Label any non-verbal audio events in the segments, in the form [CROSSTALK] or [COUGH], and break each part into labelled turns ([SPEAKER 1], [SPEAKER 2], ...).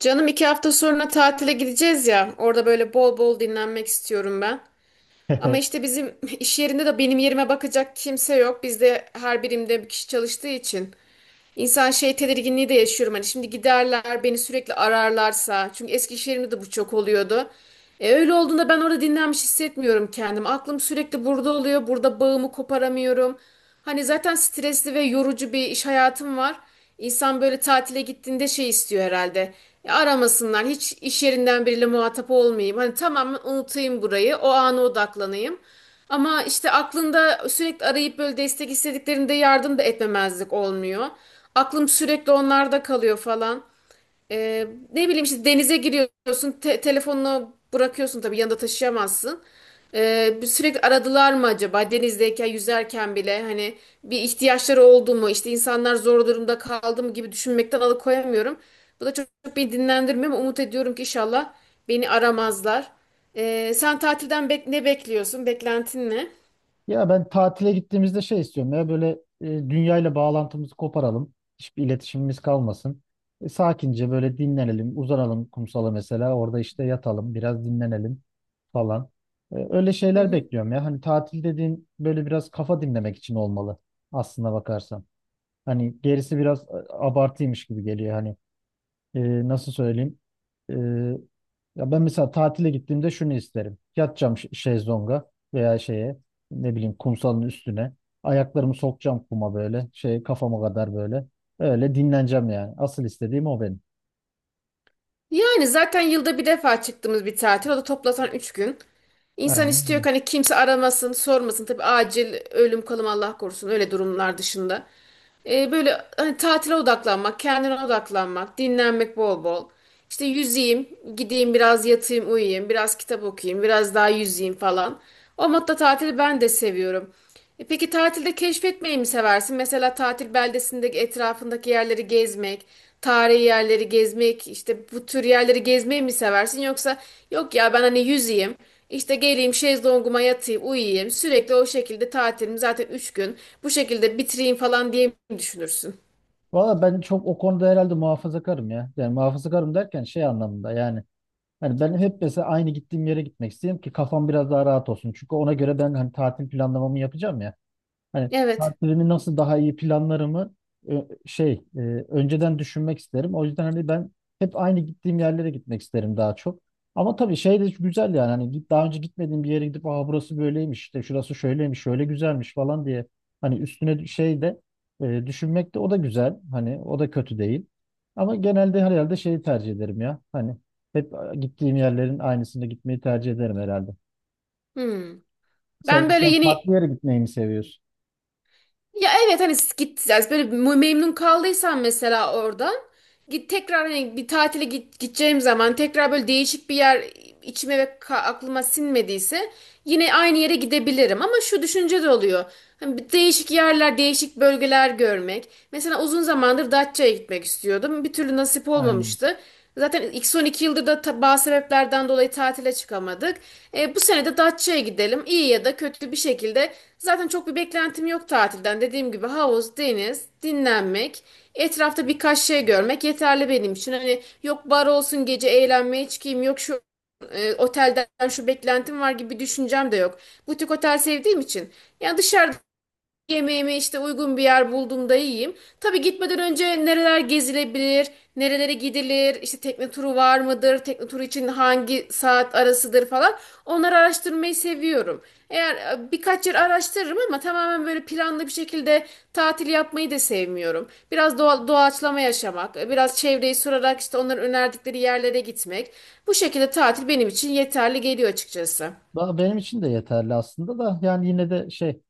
[SPEAKER 1] Canım iki hafta sonra tatile gideceğiz ya. Orada böyle bol bol dinlenmek istiyorum ben. Ama
[SPEAKER 2] [LAUGHS]
[SPEAKER 1] işte bizim [LAUGHS] iş yerinde de benim yerime bakacak kimse yok. Bizde her birimde bir kişi çalıştığı için. İnsan şey tedirginliği de yaşıyorum. Hani şimdi giderler beni sürekli ararlarsa. Çünkü Eskişehir'imde de bu çok oluyordu. Öyle olduğunda ben orada dinlenmiş hissetmiyorum kendimi. Aklım sürekli burada oluyor. Burada bağımı koparamıyorum. Hani zaten stresli ve yorucu bir iş hayatım var. İnsan böyle tatile gittiğinde şey istiyor herhalde. Aramasınlar. Hiç iş yerinden biriyle muhatap olmayayım. Hani tamamen unutayım burayı. O ana odaklanayım. Ama işte aklında sürekli arayıp böyle destek istediklerinde yardım da etmemezlik olmuyor. Aklım sürekli onlarda kalıyor falan. Ee, Ne bileyim işte denize giriyorsun, telefonunu bırakıyorsun tabii yanında taşıyamazsın. Bir sürekli aradılar mı acaba denizdeyken yüzerken bile hani bir ihtiyaçları oldu mu işte insanlar zor durumda kaldı mı gibi düşünmekten alıkoyamıyorum. Bu da çok beni dinlendirmiyor ama umut ediyorum ki inşallah beni aramazlar. Sen tatilden ne bekliyorsun? Beklentin ne?
[SPEAKER 2] Ya ben tatile gittiğimizde şey istiyorum ya böyle dünyayla bağlantımızı koparalım. Hiçbir iletişimimiz kalmasın. Sakince böyle dinlenelim, uzanalım kumsala mesela. Orada işte yatalım, biraz dinlenelim falan. Öyle
[SPEAKER 1] Hı
[SPEAKER 2] şeyler
[SPEAKER 1] hı.
[SPEAKER 2] bekliyorum ya. Hani tatil dediğin böyle biraz kafa dinlemek için olmalı aslına bakarsan. Hani gerisi biraz abartıymış gibi geliyor hani. Nasıl söyleyeyim? E, Ya ben mesela tatile gittiğimde şunu isterim. Yatacağım şezlonga veya şeye ne bileyim kumsalın üstüne. Ayaklarımı sokacağım kuma böyle. Şey kafama kadar böyle. Öyle dinleneceğim yani. Asıl istediğim o benim.
[SPEAKER 1] Yani zaten yılda bir defa çıktığımız bir tatil. O da toplasan 3 gün. İnsan istiyor
[SPEAKER 2] Aynen.
[SPEAKER 1] ki hani kimse aramasın, sormasın. Tabii acil ölüm kalım Allah korusun öyle durumlar dışında. Böyle hani tatile odaklanmak, kendine odaklanmak, dinlenmek bol bol. İşte yüzeyim, gideyim biraz yatayım, uyuyayım, biraz kitap okuyayım, biraz daha yüzeyim falan. O modda tatili ben de seviyorum. E peki tatilde keşfetmeyi mi seversin? Mesela tatil beldesindeki etrafındaki yerleri gezmek, tarihi yerleri gezmek, işte bu tür yerleri gezmeyi mi seversin? Yoksa yok ya ben hani yüzeyim. İşte geleyim şezlonguma yatayım, uyuyayım. Sürekli o şekilde tatilimi zaten 3 gün bu şekilde bitireyim falan diye mi düşünürsün?
[SPEAKER 2] Valla ben çok o konuda herhalde muhafazakarım ya. Yani muhafazakarım derken şey anlamında yani. Hani ben hep mesela aynı gittiğim yere gitmek istedim ki kafam biraz daha rahat olsun. Çünkü ona göre ben hani tatil planlamamı yapacağım ya. Hani
[SPEAKER 1] Evet.
[SPEAKER 2] tatilimi nasıl daha iyi planlarımı ö- şey e, önceden düşünmek isterim. O yüzden hani ben hep aynı gittiğim yerlere gitmek isterim daha çok. Ama tabii şey de güzel yani hani git daha önce gitmediğim bir yere gidip aa burası böyleymiş işte şurası şöyleymiş şöyle güzelmiş falan diye hani üstüne şey de düşünmek de o da güzel hani o da kötü değil. Ama genelde herhalde şeyi tercih ederim ya hani hep gittiğim yerlerin aynısında gitmeyi tercih ederim herhalde.
[SPEAKER 1] Hmm. Ben
[SPEAKER 2] Sen,
[SPEAKER 1] böyle
[SPEAKER 2] sen farklı
[SPEAKER 1] yeni.
[SPEAKER 2] yere gitmeyi mi seviyorsun?
[SPEAKER 1] Ya evet hani git yani böyle memnun kaldıysan mesela oradan git tekrar hani bir tatile git, gideceğim zaman tekrar böyle değişik bir yer içime ve aklıma sinmediyse yine aynı yere gidebilirim ama şu düşünce de oluyor. Hani bir değişik yerler, değişik bölgeler görmek. Mesela uzun zamandır Datça'ya gitmek istiyordum. Bir türlü nasip
[SPEAKER 2] Aynen.
[SPEAKER 1] olmamıştı. Zaten ilk son iki yıldır da bazı sebeplerden dolayı tatile çıkamadık. Bu sene de Datça'ya gidelim. İyi ya da kötü bir şekilde. Zaten çok bir beklentim yok tatilden. Dediğim gibi havuz, deniz, dinlenmek, etrafta birkaç şey görmek yeterli benim için. Hani yok bar olsun gece eğlenmeye çıkayım, yok şu otelden şu beklentim var gibi bir düşüncem de yok. Butik otel sevdiğim için. Yani dışarıda yemeğimi işte uygun bir yer bulduğumda yiyeyim. Tabii gitmeden önce nereler gezilebilir, nerelere gidilir, işte tekne turu var mıdır, tekne turu için hangi saat arasıdır falan. Onları araştırmayı seviyorum. Eğer birkaç yer araştırırım ama tamamen böyle planlı bir şekilde tatil yapmayı da sevmiyorum. Biraz doğa, doğaçlama yaşamak, biraz çevreyi sorarak işte onların önerdikleri yerlere gitmek. Bu şekilde tatil benim için yeterli geliyor açıkçası.
[SPEAKER 2] Daha benim için de yeterli aslında da yani yine de şey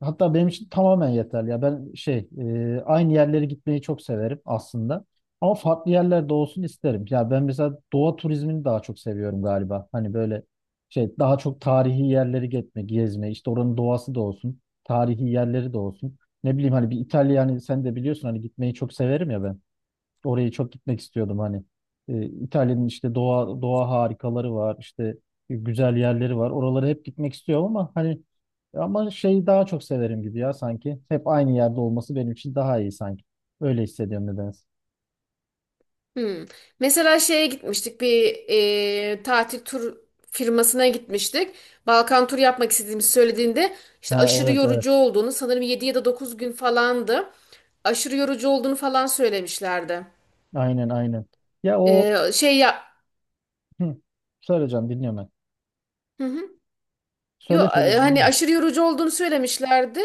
[SPEAKER 2] hatta benim için tamamen yeterli ya ben aynı yerlere gitmeyi çok severim aslında ama farklı yerlerde olsun isterim ya ben mesela doğa turizmini daha çok seviyorum galiba hani böyle şey daha çok tarihi yerleri gitme gezme işte oranın doğası da olsun tarihi yerleri de olsun ne bileyim hani bir İtalya hani sen de biliyorsun hani gitmeyi çok severim ya ben. Oraya çok gitmek istiyordum hani. İtalya'nın işte doğa harikaları var, işte güzel yerleri var. Oralara hep gitmek istiyorum ama hani ama şeyi daha çok severim gibi ya sanki. Hep aynı yerde olması benim için daha iyi sanki. Öyle hissediyorum nedense.
[SPEAKER 1] Hmm. Mesela şeye gitmiştik bir tatil tur firmasına gitmiştik. Balkan turu yapmak istediğimizi söylediğinde işte
[SPEAKER 2] Ha,
[SPEAKER 1] aşırı
[SPEAKER 2] evet, evet.
[SPEAKER 1] yorucu olduğunu sanırım 7 ya da 9 gün falandı. Aşırı yorucu olduğunu falan söylemişlerdi.
[SPEAKER 2] Aynen, aynen. Ya o,
[SPEAKER 1] Şey ya,
[SPEAKER 2] hı, söyleyeceğim, dinliyorum ben.
[SPEAKER 1] hı hı. Yo,
[SPEAKER 2] Söyle söyle,
[SPEAKER 1] hani
[SPEAKER 2] dinliyorum.
[SPEAKER 1] aşırı yorucu olduğunu söylemişlerdi.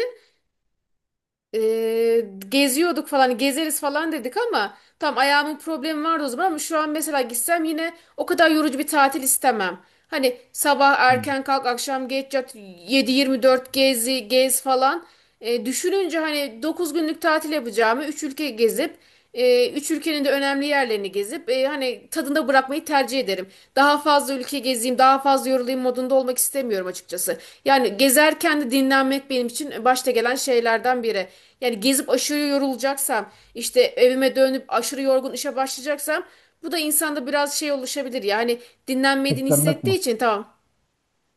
[SPEAKER 1] Geziyorduk falan gezeriz falan dedik ama tam ayağımın problemi vardı o zaman ama şu an mesela gitsem yine o kadar yorucu bir tatil istemem. Hani sabah
[SPEAKER 2] Hı.
[SPEAKER 1] erken kalk akşam geç yat, 7/24 gezi gez falan. Düşününce hani 9 günlük tatil yapacağımı 3 ülke gezip 3 ülkenin de önemli yerlerini gezip hani tadında bırakmayı tercih ederim. Daha fazla ülke gezeyim daha fazla yorulayım modunda olmak istemiyorum açıkçası. Yani gezerken de dinlenmek benim için başta gelen şeylerden biri. Yani gezip aşırı yorulacaksam, işte evime dönüp aşırı yorgun işe başlayacaksam bu da insanda biraz şey oluşabilir. Yani dinlenmediğini
[SPEAKER 2] Kıskanmak
[SPEAKER 1] hissettiği
[SPEAKER 2] mı?
[SPEAKER 1] için tamam,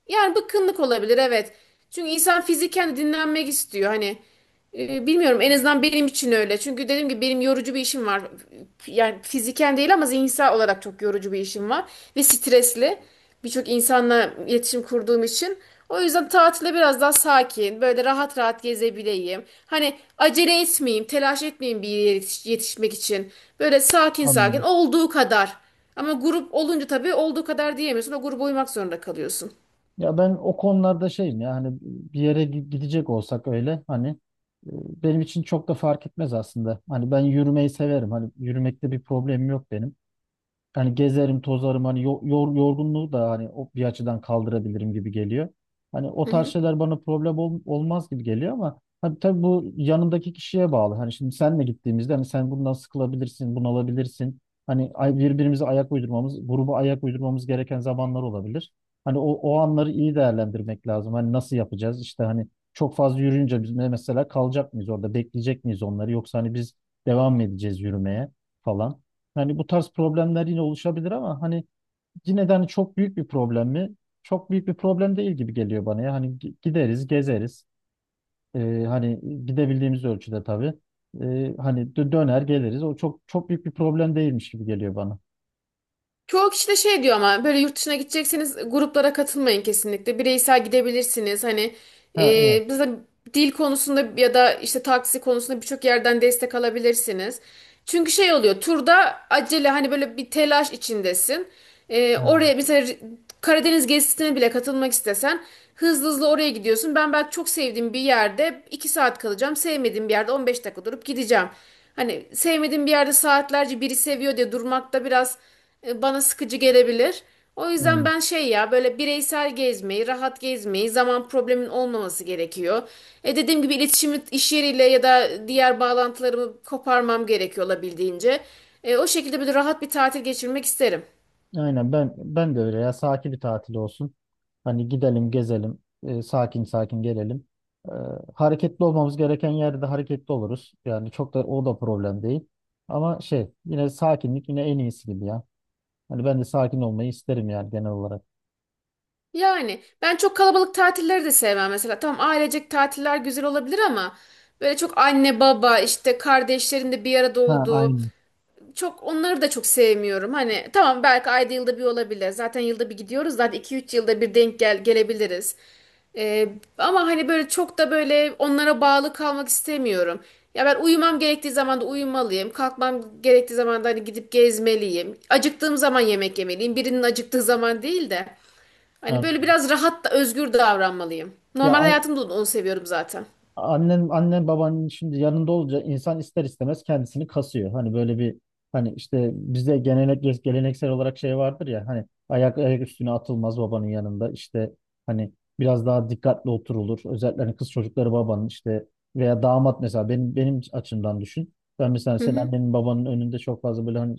[SPEAKER 1] yani bıkkınlık olabilir evet. Çünkü insan fiziken de dinlenmek istiyor. Hani bilmiyorum en azından benim için öyle. Çünkü dediğim gibi benim yorucu bir işim var. Yani fiziken değil ama zihinsel olarak çok yorucu bir işim var. Ve stresli. Birçok insanla iletişim kurduğum için. O yüzden tatile biraz daha sakin, böyle rahat rahat gezebileyim. Hani acele etmeyeyim, telaş etmeyeyim bir yere yetişmek için. Böyle sakin sakin
[SPEAKER 2] Anladım.
[SPEAKER 1] olduğu kadar. Ama grup olunca tabii olduğu kadar diyemiyorsun. O gruba uymak zorunda kalıyorsun.
[SPEAKER 2] Ya ben o konularda şeyim ya hani bir yere gidecek olsak öyle hani e, benim için çok da fark etmez aslında. Hani ben yürümeyi severim. Hani yürümekte bir problemim yok benim. Yani gezerim, tozarım hani yorgunluğu da hani o bir açıdan kaldırabilirim gibi geliyor. Hani o
[SPEAKER 1] Hı
[SPEAKER 2] tarz
[SPEAKER 1] hı.
[SPEAKER 2] şeyler bana problem olmaz gibi geliyor ama hani tabii bu yanındaki kişiye bağlı. Hani şimdi senle gittiğimizde hani sen bundan sıkılabilirsin, bunalabilirsin. Hani birbirimize ayak uydurmamız, gruba ayak uydurmamız gereken zamanlar olabilir. Hani o anları iyi değerlendirmek lazım. Hani nasıl yapacağız? İşte hani çok fazla yürüyünce biz mesela kalacak mıyız orada, bekleyecek miyiz onları yoksa hani biz devam mı edeceğiz yürümeye falan. Yani bu tarz problemler yine oluşabilir ama hani yine de hani çok büyük bir problem mi? Çok büyük bir problem değil gibi geliyor bana ya. Hani gideriz, gezeriz. Hani gidebildiğimiz ölçüde tabii. Hani döner geliriz. O çok çok büyük bir problem değilmiş gibi geliyor bana.
[SPEAKER 1] Çoğu kişi de şey diyor ama böyle yurt dışına gidecekseniz gruplara katılmayın kesinlikle. Bireysel gidebilirsiniz. Hani
[SPEAKER 2] Ha, evet.
[SPEAKER 1] biz de dil konusunda ya da işte taksi konusunda birçok yerden destek alabilirsiniz. Çünkü şey oluyor turda acele hani böyle bir telaş içindesin.
[SPEAKER 2] Aynen.
[SPEAKER 1] Oraya mesela Karadeniz gezisine bile katılmak istesen hızlı hızlı oraya gidiyorsun. Ben belki çok sevdiğim bir yerde 2 saat kalacağım. Sevmediğim bir yerde 15 dakika durup gideceğim. Hani sevmediğim bir yerde saatlerce biri seviyor diye durmak da biraz bana sıkıcı gelebilir. O yüzden
[SPEAKER 2] Aynen.
[SPEAKER 1] ben şey ya böyle bireysel gezmeyi, rahat gezmeyi, zaman problemin olmaması gerekiyor. E dediğim gibi iletişimi iş yeriyle ya da diğer bağlantılarımı koparmam gerekiyor olabildiğince. O şekilde böyle rahat bir tatil geçirmek isterim.
[SPEAKER 2] Aynen, ben de öyle ya. Sakin bir tatil olsun. Hani gidelim, gezelim, sakin sakin gelelim. E, hareketli olmamız gereken yerde hareketli oluruz. Yani çok da o da problem değil. Ama şey, yine sakinlik yine en iyisi gibi ya. Hani ben de sakin olmayı isterim yani genel olarak.
[SPEAKER 1] Yani ben çok kalabalık tatilleri de sevmem mesela. Tamam ailecek tatiller güzel olabilir ama böyle çok anne baba işte kardeşlerin de bir arada
[SPEAKER 2] Ha,
[SPEAKER 1] olduğu
[SPEAKER 2] aynı.
[SPEAKER 1] çok onları da çok sevmiyorum. Hani tamam belki ayda yılda bir olabilir. Zaten yılda bir gidiyoruz. Zaten iki üç yılda bir denk gelebiliriz. Ee, Ama hani böyle çok da böyle onlara bağlı kalmak istemiyorum. Ya ben uyumam gerektiği zaman da uyumalıyım. Kalkmam gerektiği zaman da hani gidip gezmeliyim. Acıktığım zaman yemek yemeliyim. Birinin acıktığı zaman değil de. Hani
[SPEAKER 2] Yani,
[SPEAKER 1] böyle biraz rahat da özgür davranmalıyım.
[SPEAKER 2] ya,
[SPEAKER 1] Normal hayatımda da onu seviyorum zaten.
[SPEAKER 2] annen babanın şimdi yanında olunca insan ister istemez kendisini kasıyor. Hani böyle bir, hani işte bizde gelenek, geleneksel olarak şey vardır ya hani ayak ayak üstüne atılmaz babanın yanında işte hani biraz daha dikkatli oturulur. Özellikle hani kız çocukları babanın işte veya damat mesela benim açımdan düşün. Ben mesela
[SPEAKER 1] Hı
[SPEAKER 2] senin
[SPEAKER 1] hı.
[SPEAKER 2] annenin babanın önünde çok fazla böyle hani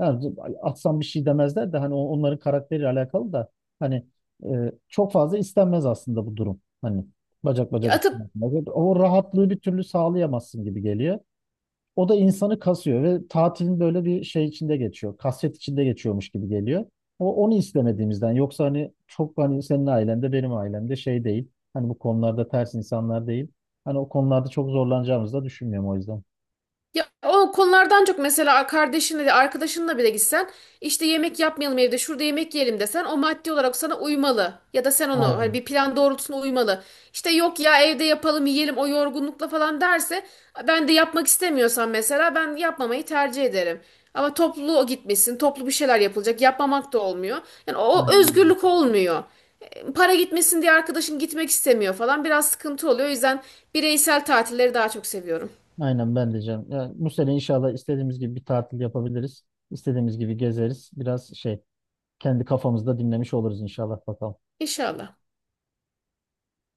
[SPEAKER 2] yani atsam bir şey demezler de hani onların karakteriyle alakalı da hani çok fazla istenmez aslında bu durum. Hani bacak
[SPEAKER 1] Ya
[SPEAKER 2] bacak üstüne.
[SPEAKER 1] atıp.
[SPEAKER 2] Bacak. O rahatlığı bir türlü sağlayamazsın gibi geliyor. O da insanı kasıyor ve tatilin böyle bir şey içinde geçiyor. Kasvet içinde geçiyormuş gibi geliyor. O onu istemediğimizden yoksa hani çok hani senin ailende benim ailemde şey değil. Hani bu konularda ters insanlar değil. Hani o konularda çok zorlanacağımızı da düşünmüyorum o yüzden.
[SPEAKER 1] Ya o konulardan çok mesela kardeşinle de arkadaşınla bile gitsen işte yemek yapmayalım evde şurada yemek yiyelim desen o maddi olarak sana uymalı. Ya da sen onu hani
[SPEAKER 2] Aynen.
[SPEAKER 1] bir plan doğrultusunda uymalı. İşte yok ya evde yapalım yiyelim o yorgunlukla falan derse ben de yapmak istemiyorsam mesela ben yapmamayı tercih ederim. Ama toplu o gitmesin toplu bir şeyler yapılacak yapmamak da olmuyor. Yani o
[SPEAKER 2] Aynen. Öyle.
[SPEAKER 1] özgürlük olmuyor. Para gitmesin diye arkadaşın gitmek istemiyor falan biraz sıkıntı oluyor. O yüzden bireysel tatilleri daha çok seviyorum.
[SPEAKER 2] Aynen ben diyeceğim. Yani bu sene inşallah istediğimiz gibi bir tatil yapabiliriz. İstediğimiz gibi gezeriz. Biraz şey kendi kafamızda dinlemiş oluruz inşallah, bakalım.
[SPEAKER 1] İnşallah.